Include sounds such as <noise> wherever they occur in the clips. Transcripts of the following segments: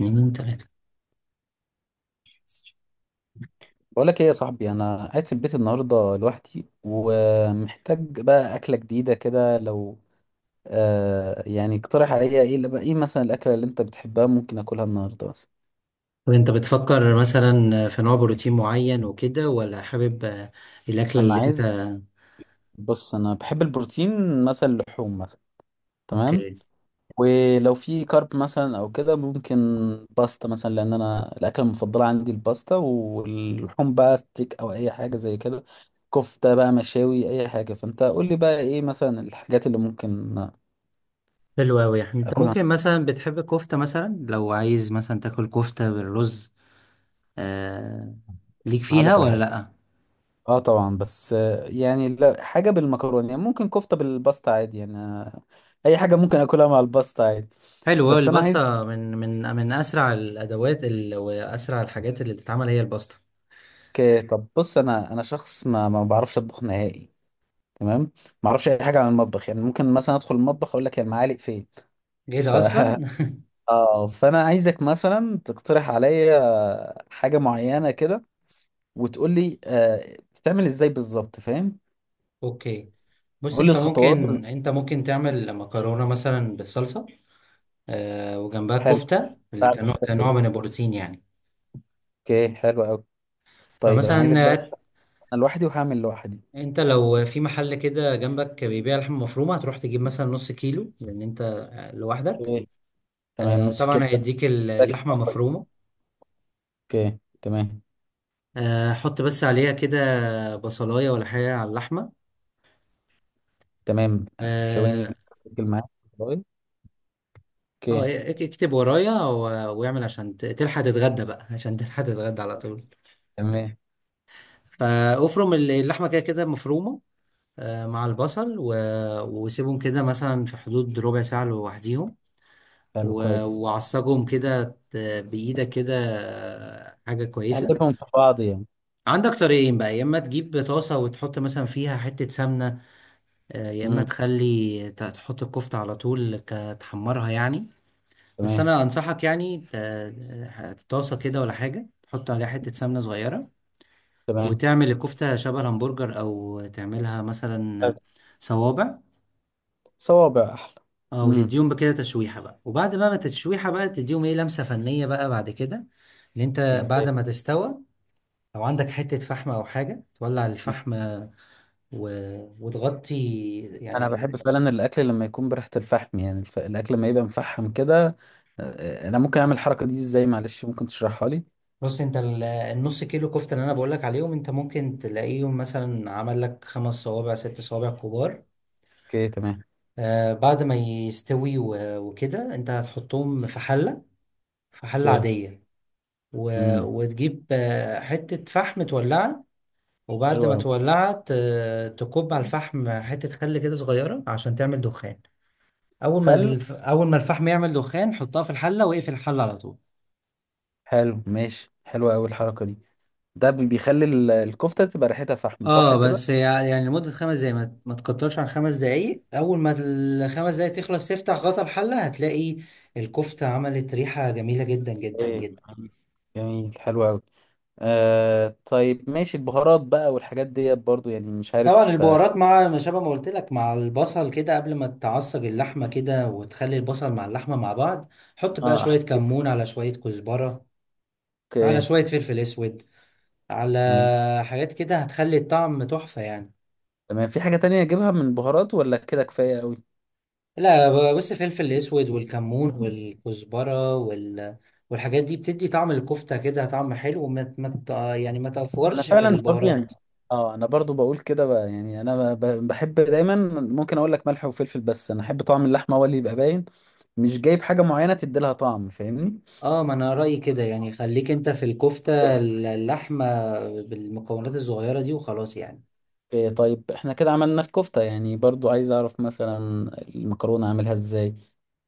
يومين ثلاثة. بقولك ايه يا صاحبي؟ انا قاعد في البيت النهارده لوحدي ومحتاج بقى اكله جديده كده. لو يعني اقترح عليا ايه؟ اللي بقى ايه مثلا الاكله اللي انت بتحبها ممكن اكلها النهارده مثلا؟ طب انت بتفكر مثلا في نوع بروتين معين وكده، ولا حابب؟ الأكلة انا اللي انت... عايز بص، انا بحب البروتين مثلا، اللحوم مثلا. تمام. اوكي. ولو في كارب مثلا او كده ممكن باستا مثلا، لان انا الاكله المفضله عندي الباستا، واللحوم بقى ستيك او اي حاجه زي كده، كفته بقى، مشاوي، اي حاجه. فانت قول لي بقى ايه مثلا الحاجات اللي ممكن حلو أوي، يعني انت اكلها. ممكن مثلا بتحب الكفتة، مثلا لو عايز مثلا تاكل كفتة بالرز. آه... ليك بس انا هقول فيها لك على ولا حاجه. لأ؟ اه طبعا، بس يعني لا، حاجه بالمكرونه يعني ممكن، كفته بالباستا عادي يعني. اي حاجه ممكن اكلها مع الباستا عادي. حلو أوي، بس انا عايزك الباستا من أسرع الأدوات، وأسرع الحاجات اللي بتتعمل هي الباستا. طب بص، انا شخص ما بعرفش اطبخ نهائي. تمام. ما اعرفش اي حاجه عن المطبخ، يعني ممكن مثلا ادخل المطبخ اقول لك المعالق فين. ايه ف ده أصلا؟ <laughs> اه، فانا عايزك مثلا تقترح عليا حاجه معينه كده، وتقول لي بتتعمل ازاي بالظبط. فاهم؟ <laughs> اوكي، بص قول لي انت الخطوات. ممكن، تعمل مكرونة مثلا بالصلصة، وجنبها حلو. كفتة اللي كنوع من البروتين يعني. اوكي حلو قوي. طيب انا فمثلا، عايزك بقى. انا لوحدي وهعمل لوحدي. انت لو في محل كده جنبك بيبيع لحمة مفرومة، هتروح تجيب مثلا نص كيلو لأن انت لوحدك. اوكي تمام. نص كيلو. طبعا هيديك بتاكل اللحمة معاك. مفرومة. اوكي تمام. حط بس عليها كده بصلاية ولا حاجة على اللحمة. تمام ثواني. اه. بتاكل معاك. اوكي اكتب ورايا واعمل عشان تلحق تتغدى بقى، عشان تلحق تتغدى على طول. تمام. فافرم اللحمة كده، كده مفرومة، مع البصل، وسيبهم كده مثلا في حدود ربع ساعة لوحديهم، حلو كويس. وعصجهم كده ت- بإيدك كده، حاجة كويسة. اقلبهم في بعض يعني. عندك طريقين بقى: يا إما تجيب طاسة وتحط مثلا فيها حتة سمنة، يا إما امم. تخلي تحط الكفتة على طول تحمرها يعني. بس تمام. أنا أنصحك، يعني طاسة كده ولا حاجة تحط عليها حتة سمنة صغيرة، تمام. وتعمل الكفتة شبه الهمبرجر، أو تعملها مثلا طب. صوابع. صوابع احلى. اه، امم وتديهم بكده تشويحة بقى، وبعد بقى ما التشويحة بقى تديهم ايه لمسة فنية بقى بعد كده اللي انت... بعد ازاي؟ ما تستوى، لو عندك حتة فحم او حاجة تولع الفحم، و... وتغطي انا يعني. بحب فعلا الاكل لما يكون بريحة الفحم، يعني الاكل لما يبقى مفحم كده. انا ممكن اعمل الحركة دي ازاي؟ معلش ممكن تشرحها لي؟ بص انت، النص كيلو كفتة اللي انا بقولك عليهم، انت ممكن تلاقيهم مثلا عمل لك خمس صوابع، ست صوابع كبار. اوكي تمام. آه، بعد ما يستوي وكده انت هتحطهم في حلة، في حلة اوكي. عادية، و... امم وتجيب حتة فحم تولعها. حلو وبعد ما قوي. تولعت، تكب على الفحم حتة خل كده صغيرة عشان تعمل دخان. خل أول ما الفحم يعمل دخان، حطها في الحلة واقفل الحلة على طول. حلو ماشي. حلوة أوي الحركة دي. ده بيخلي الكفتة تبقى ريحتها فحم، صح اه، كده؟ بس يعني لمدة 5 دقايق، ما تكترش عن 5 دقايق. أول ما الـ5 دقايق تخلص، تفتح غطا الحلة هتلاقي الكفتة عملت ريحة جميلة جدا جدا ايه، جدا. جميل حلو أوي. طيب ماشي. البهارات بقى والحاجات ديت برضو يعني مش طبعا عارف. اه. البهارات مع ما شابه، ما قلت لك مع البصل كده قبل ما تعصج اللحمة كده، وتخلي البصل مع اللحمة مع بعض، حط بقى أحط. شوية كمون، على شوية كزبرة، على ايه؟ شوية فلفل اسود، على من- حاجات كده، هتخلي الطعم تحفة يعني. تمام. في حاجة تانية أجيبها من البهارات ولا كده كفاية أوي؟ لا بص، الفلفل الاسود والكمون والكزبرة والحاجات دي بتدي طعم الكفتة كده طعم حلو، وما ما ت- يعني ما أنا تفورش في فعلا برضو يعني. البهارات. اه، أنا برضو بقول كده بقى، يعني أنا بحب دايما ممكن أقول لك ملح وفلفل، بس أنا أحب طعم اللحمة هو اللي يبقى باين، مش جايب حاجة معينة تدي لها طعم. فاهمني؟ اه، ما انا رأيي كده، يعني خليك انت في الكفتة اللحمة بالمكونات الصغيرة دي وخلاص يعني. إيه، طيب احنا كده عملنا الكفتة يعني. برضو عايز اعرف مثلا المكرونة اعملها ازاي،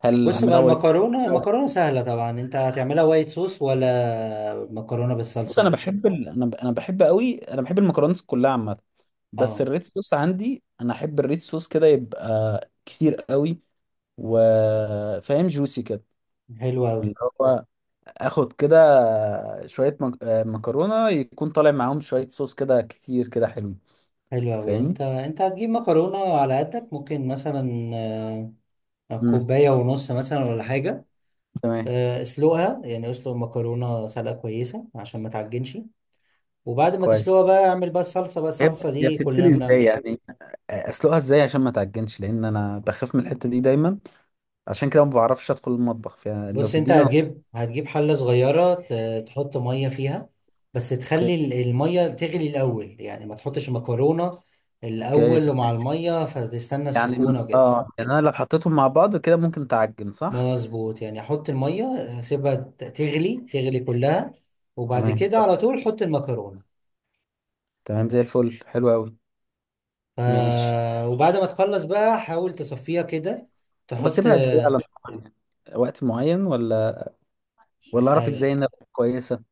هل بص بقى، اعملها وايت صوص؟ المكرونة، لو- سهلة طبعا. انت هتعملها وايت صوص ولا مكرونة بص، انا بالصلصة؟ بحب ال... انا ب... انا بحب قوي، انا بحب المكرونات كلها عامة. بس اه. الريد صوص، عندي انا احب الريد صوص كده يبقى كتير قوي، وفاهم جوسي كده، حلوة أوي. اللي هو اخد كده شوية مك... آه، مكرونة، يكون طالع معاهم شوية صوص كده كتير كده حلو. حلو أوي، فاهمني؟ انت هتجيب مكرونة على قدك، ممكن مثلا امم كوباية ونص مثلا ولا حاجة. تمام. اسلقها، يعني اسلق المكرونة سلقة كويسة عشان ما تعجنش، وبعد ما تسلقها كويس. بقى اعمل بقى الصلصة. بقى هي الصلصة هي دي بتتسلق كلنا بنعمل. ازاي يعني؟ اسلقها ازاي عشان ما تعجنش؟ لان انا بخاف من الحته دي دايما، عشان كده ما بعرفش ادخل المطبخ. فلو بص انت تديني هتجيب، حلة صغيرة تحط مية فيها، بس <laughs> اوكي. تخلي المية تغلي الأول، يعني ما تحطش المكرونة اوكي الأول، ومع المية فتستنى يعني. السخونة وكده. اه يعني انا لو حطيتهم مع بعض كده ممكن تعجن، صح؟ مظبوط، يعني احط الميه، اسيبها تغلي، كلها، وبعد تمام. كده على طول حط المكرونه. تمام زي الفل، حلو قوي. ف... ماشي. وبعد ما تخلص بقى حاول تصفيها كده، طب تحط... اسيبها قد ايه على النار يعني؟ وقت معين ولا؟ ولا اعرف ايوه، ازاي انها تكون كويسه.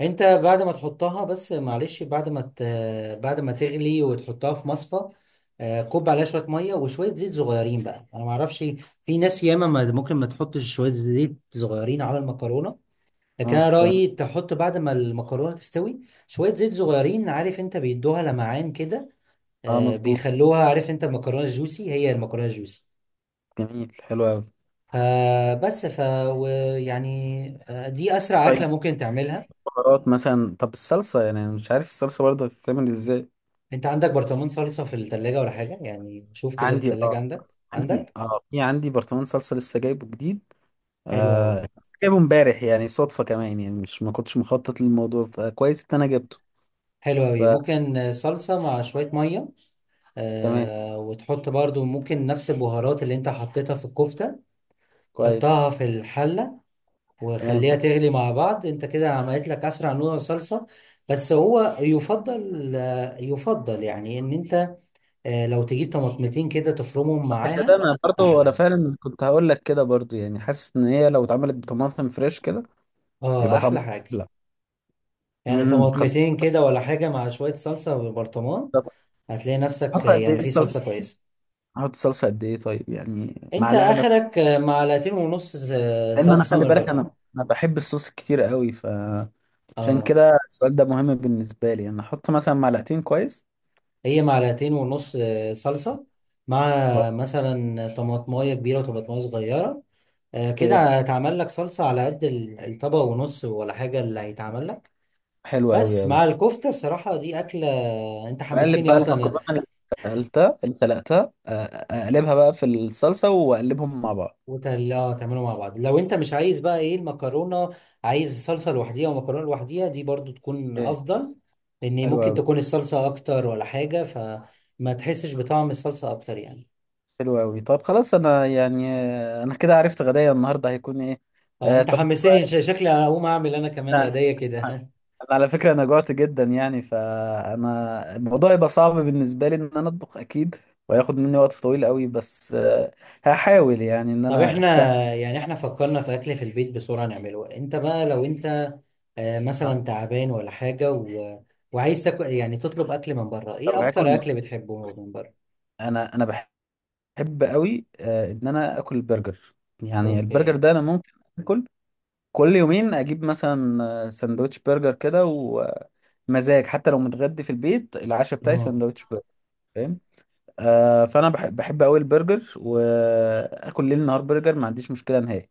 انت بعد ما تحطها، بس معلش، بعد ما تغلي وتحطها في مصفى، كب عليها شويه ميه وشويه زيت صغيرين بقى. انا ما اعرفش، في ناس ياما ممكن ما تحطش شويه زيت صغيرين على المكرونه، لكن اه انا تمام. رايي تحط بعد ما المكرونه تستوي شويه زيت صغيرين، عارف انت، بيدوها لمعان كده. اه مظبوط. بيخلوها، عارف انت، المكرونه الجوسي، هي المكرونه الجوسي. جميل حلو قوي. فبس، و- يعني دي اسرع طيب اكله ممكن تعملها. بهارات مثلا؟ طب الصلصه يعني، انا مش عارف الصلصه برضه هتتعمل ازاي. انت عندك برطمان صلصه في الثلاجه ولا حاجه؟ يعني شوف كده في عندي الثلاجه، اه. عندك، عندي اه في عندي برطمان صلصه لسه جايبه جديد. حلو قوي. بس جايبه امبارح يعني، صدفة كمان يعني، مش ما كنتش مخطط للموضوع، فكويس ان انا جبته. حلو قوي، فتمام. ممكن صلصه مع شويه ميه، آه، وتحط برضو ممكن نفس البهارات اللي انت حطيتها في الكفته، كويس. حطها في الحله تمام وخليها حلو. تغلي مع بعض، انت كده عملت لك اسرع نوع صلصة. بس هو يفضل، يفضل يعني، ان انت لو تجيب طماطمتين كده تفرمهم الحتة ده معاها انا برضو، انا احلى. فعلا كنت هقول لك كده برضو، يعني حاسس ان هي لو اتعملت بطماطم فريش كده اه، يبقى طعمها احلى حاجة. احلى. يعني خاصة. طماطمتين كده ولا حاجة مع شوية صلصة بالبرطمان، طب هتلاقي احط نفسك قد يعني ايه في صلصة صلصة؟ كويسة. احط صلصة قد ايه طيب؟ يعني انت معلقة مثلا؟ اخرك معلقتين ونص لان انا، صلصة خلي من بالك، البرطمان. انا بحب الصوص كتير قوي. عشان اه، كده السؤال ده مهم بالنسبة لي. انا احط مثلا معلقتين؟ كويس. هي معلقتين ونص صلصة مع مثلا طماطمايه كبيرة وطماطمايه صغيرة. كويس. كده هيتعمل لك صلصة على قد الطبق ونص ولا حاجة اللي هيتعمل لك. حلو قوي بس قوي. مع الكفتة الصراحة دي أكلة، أنت بقلب حمستني بقى أصلا. المكرونه اللي سلقتها، اقلبها بقى في الصلصه واقلبهم مع بعض. وتل... آه تعمله مع بعض، لو أنت مش عايز بقى إيه المكرونة، عايز صلصة لوحديها ومكرونة لوحديها، دي برضو تكون ايه. أفضل. لأن حلو ممكن قوي. تكون الصلصة أكتر ولا حاجة، فما تحسش بطعم الصلصة أكتر يعني. حلو قوي. طب خلاص، انا يعني آه، انا كده عرفت غدايا النهارده هيكون ايه. أه، أنت طب حمستني، شكلي أنا هقوم أعمل أنا كمان انا، غداية كده. <laughs> على فكره انا جوعت جدا يعني، فانا الموضوع يبقى صعب بالنسبه لي ان انا اطبخ اكيد، وهياخد مني وقت طويل قوي، بس هحاول يعني ان طب انا احنا، اجتهد. يعني احنا فكرنا في اكل في البيت بسرعة نعمله. انت بقى لو انت آه، مثلا تعبان ولا حاجة، وعايز تاكل، يعني تطلب اكل من بره، ايه لو اكتر هاكل، اكل بتحبه من بره؟ انا بحب قوي ان انا اكل البرجر. يعني البرجر اوكي. ده انا ممكن اكل كل يومين، اجيب مثلا سندوتش برجر كده، ومزاج حتى لو متغدي في البيت العشاء بتاعي اه. سندوتش برجر. فاهم؟ فانا بحب قوي البرجر، واكل ليل نهار برجر ما عنديش مشكله نهائي.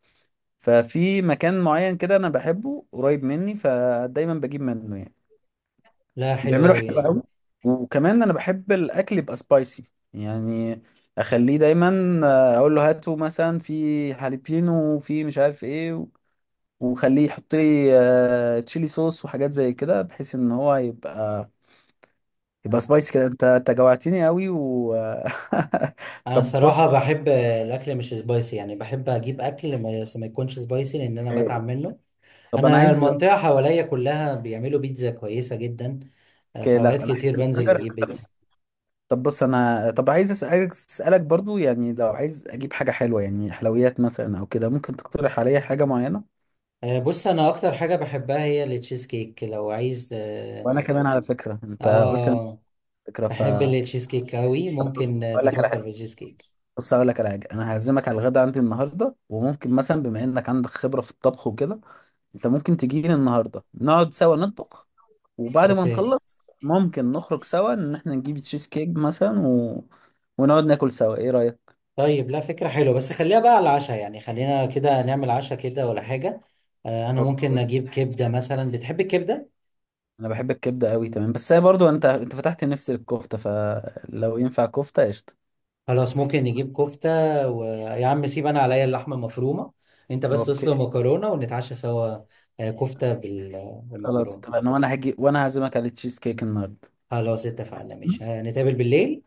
ففي مكان معين كده انا بحبه قريب مني، فدايما بجيب منه يعني. لا حلو بيعملوا قوي حلو يعني. قوي. وكمان انا بحب الاكل يبقى سبايسي يعني، اخليه دايما اقول له هاتوا مثلا في جاليبينو، وفي مش عارف ايه وخليه يحط لي تشيلي صوص وحاجات زي كده، بحيث ان هو يبقى سبايسي كده. انت جوعتني قوي <laughs> انا طب بص، صراحة بحب الاكل مش سبايسي، يعني بحب اجيب اكل ما، بس ما يكونش سبايسي لان انا بتعب منه. طب انا انا عايز. المنطقة حواليا كلها بيعملوا بيتزا كويسة جدا، في أوكي، اوقات لا انا احب كتير بنزل البرجر. بجيب طب، بيتزا. طب بص، انا عايز عايز اسالك برضو يعني، لو عايز اجيب حاجه حلوه، يعني حلويات مثلا او كده، ممكن تقترح عليا حاجه معينه؟ بص انا اكتر حاجه بحبها هي التشيز كيك. لو عايز وانا كمان على فكره انت قلت لي اه، فكره، بحب فاقول التشيز كيك قوي، ممكن لك على حاجه. تفكر في التشيز كيك. بس اقول لك على حاجه، انا هعزمك على الغدا عندي النهارده، وممكن مثلا بما انك عندك خبره في الطبخ وكده، انت ممكن تجيلي النهارده نقعد سوا نطبخ، وبعد ما اوكي. نخلص ممكن نخرج سوا ان احنا نجيب تشيز كيك مثلا، و... ونقعد ناكل سوا. ايه رايك؟ طيب لا، فكرة حلوة، بس خليها بقى على العشاء، يعني خلينا كده نعمل عشاء كده ولا حاجة. آه، انا ممكن اوكي. اجيب كبدة مثلا، بتحب الكبدة؟ انا بحب الكبده قوي. تمام. بس هي برضو، انت فتحت نفسي للكفته، فلو ينفع كفته قشطه. خلاص ممكن نجيب كفتة، ويا عم سيب انا عليا اللحمة المفرومة، انت بس اوكي. اسلق مكرونة ونتعشى سوا، آه كفتة خلاص بالمكرونة. تمام، وانا هجي، وانا هعزمك على تشيز كيك النهارده. خلاص اتفقنا ماشي، آه نتقابل بالليل.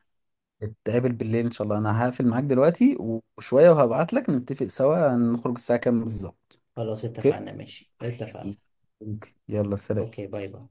نتقابل بالليل ان شاء الله. انا هقفل معاك دلوقتي، وشوية وهبعت لك نتفق سوا نخرج الساعة كام بالظبط. خلاص اوكي. اتفقنا ماشي، اتفقنا. اوكي يلا سلام. اوكي باي باي.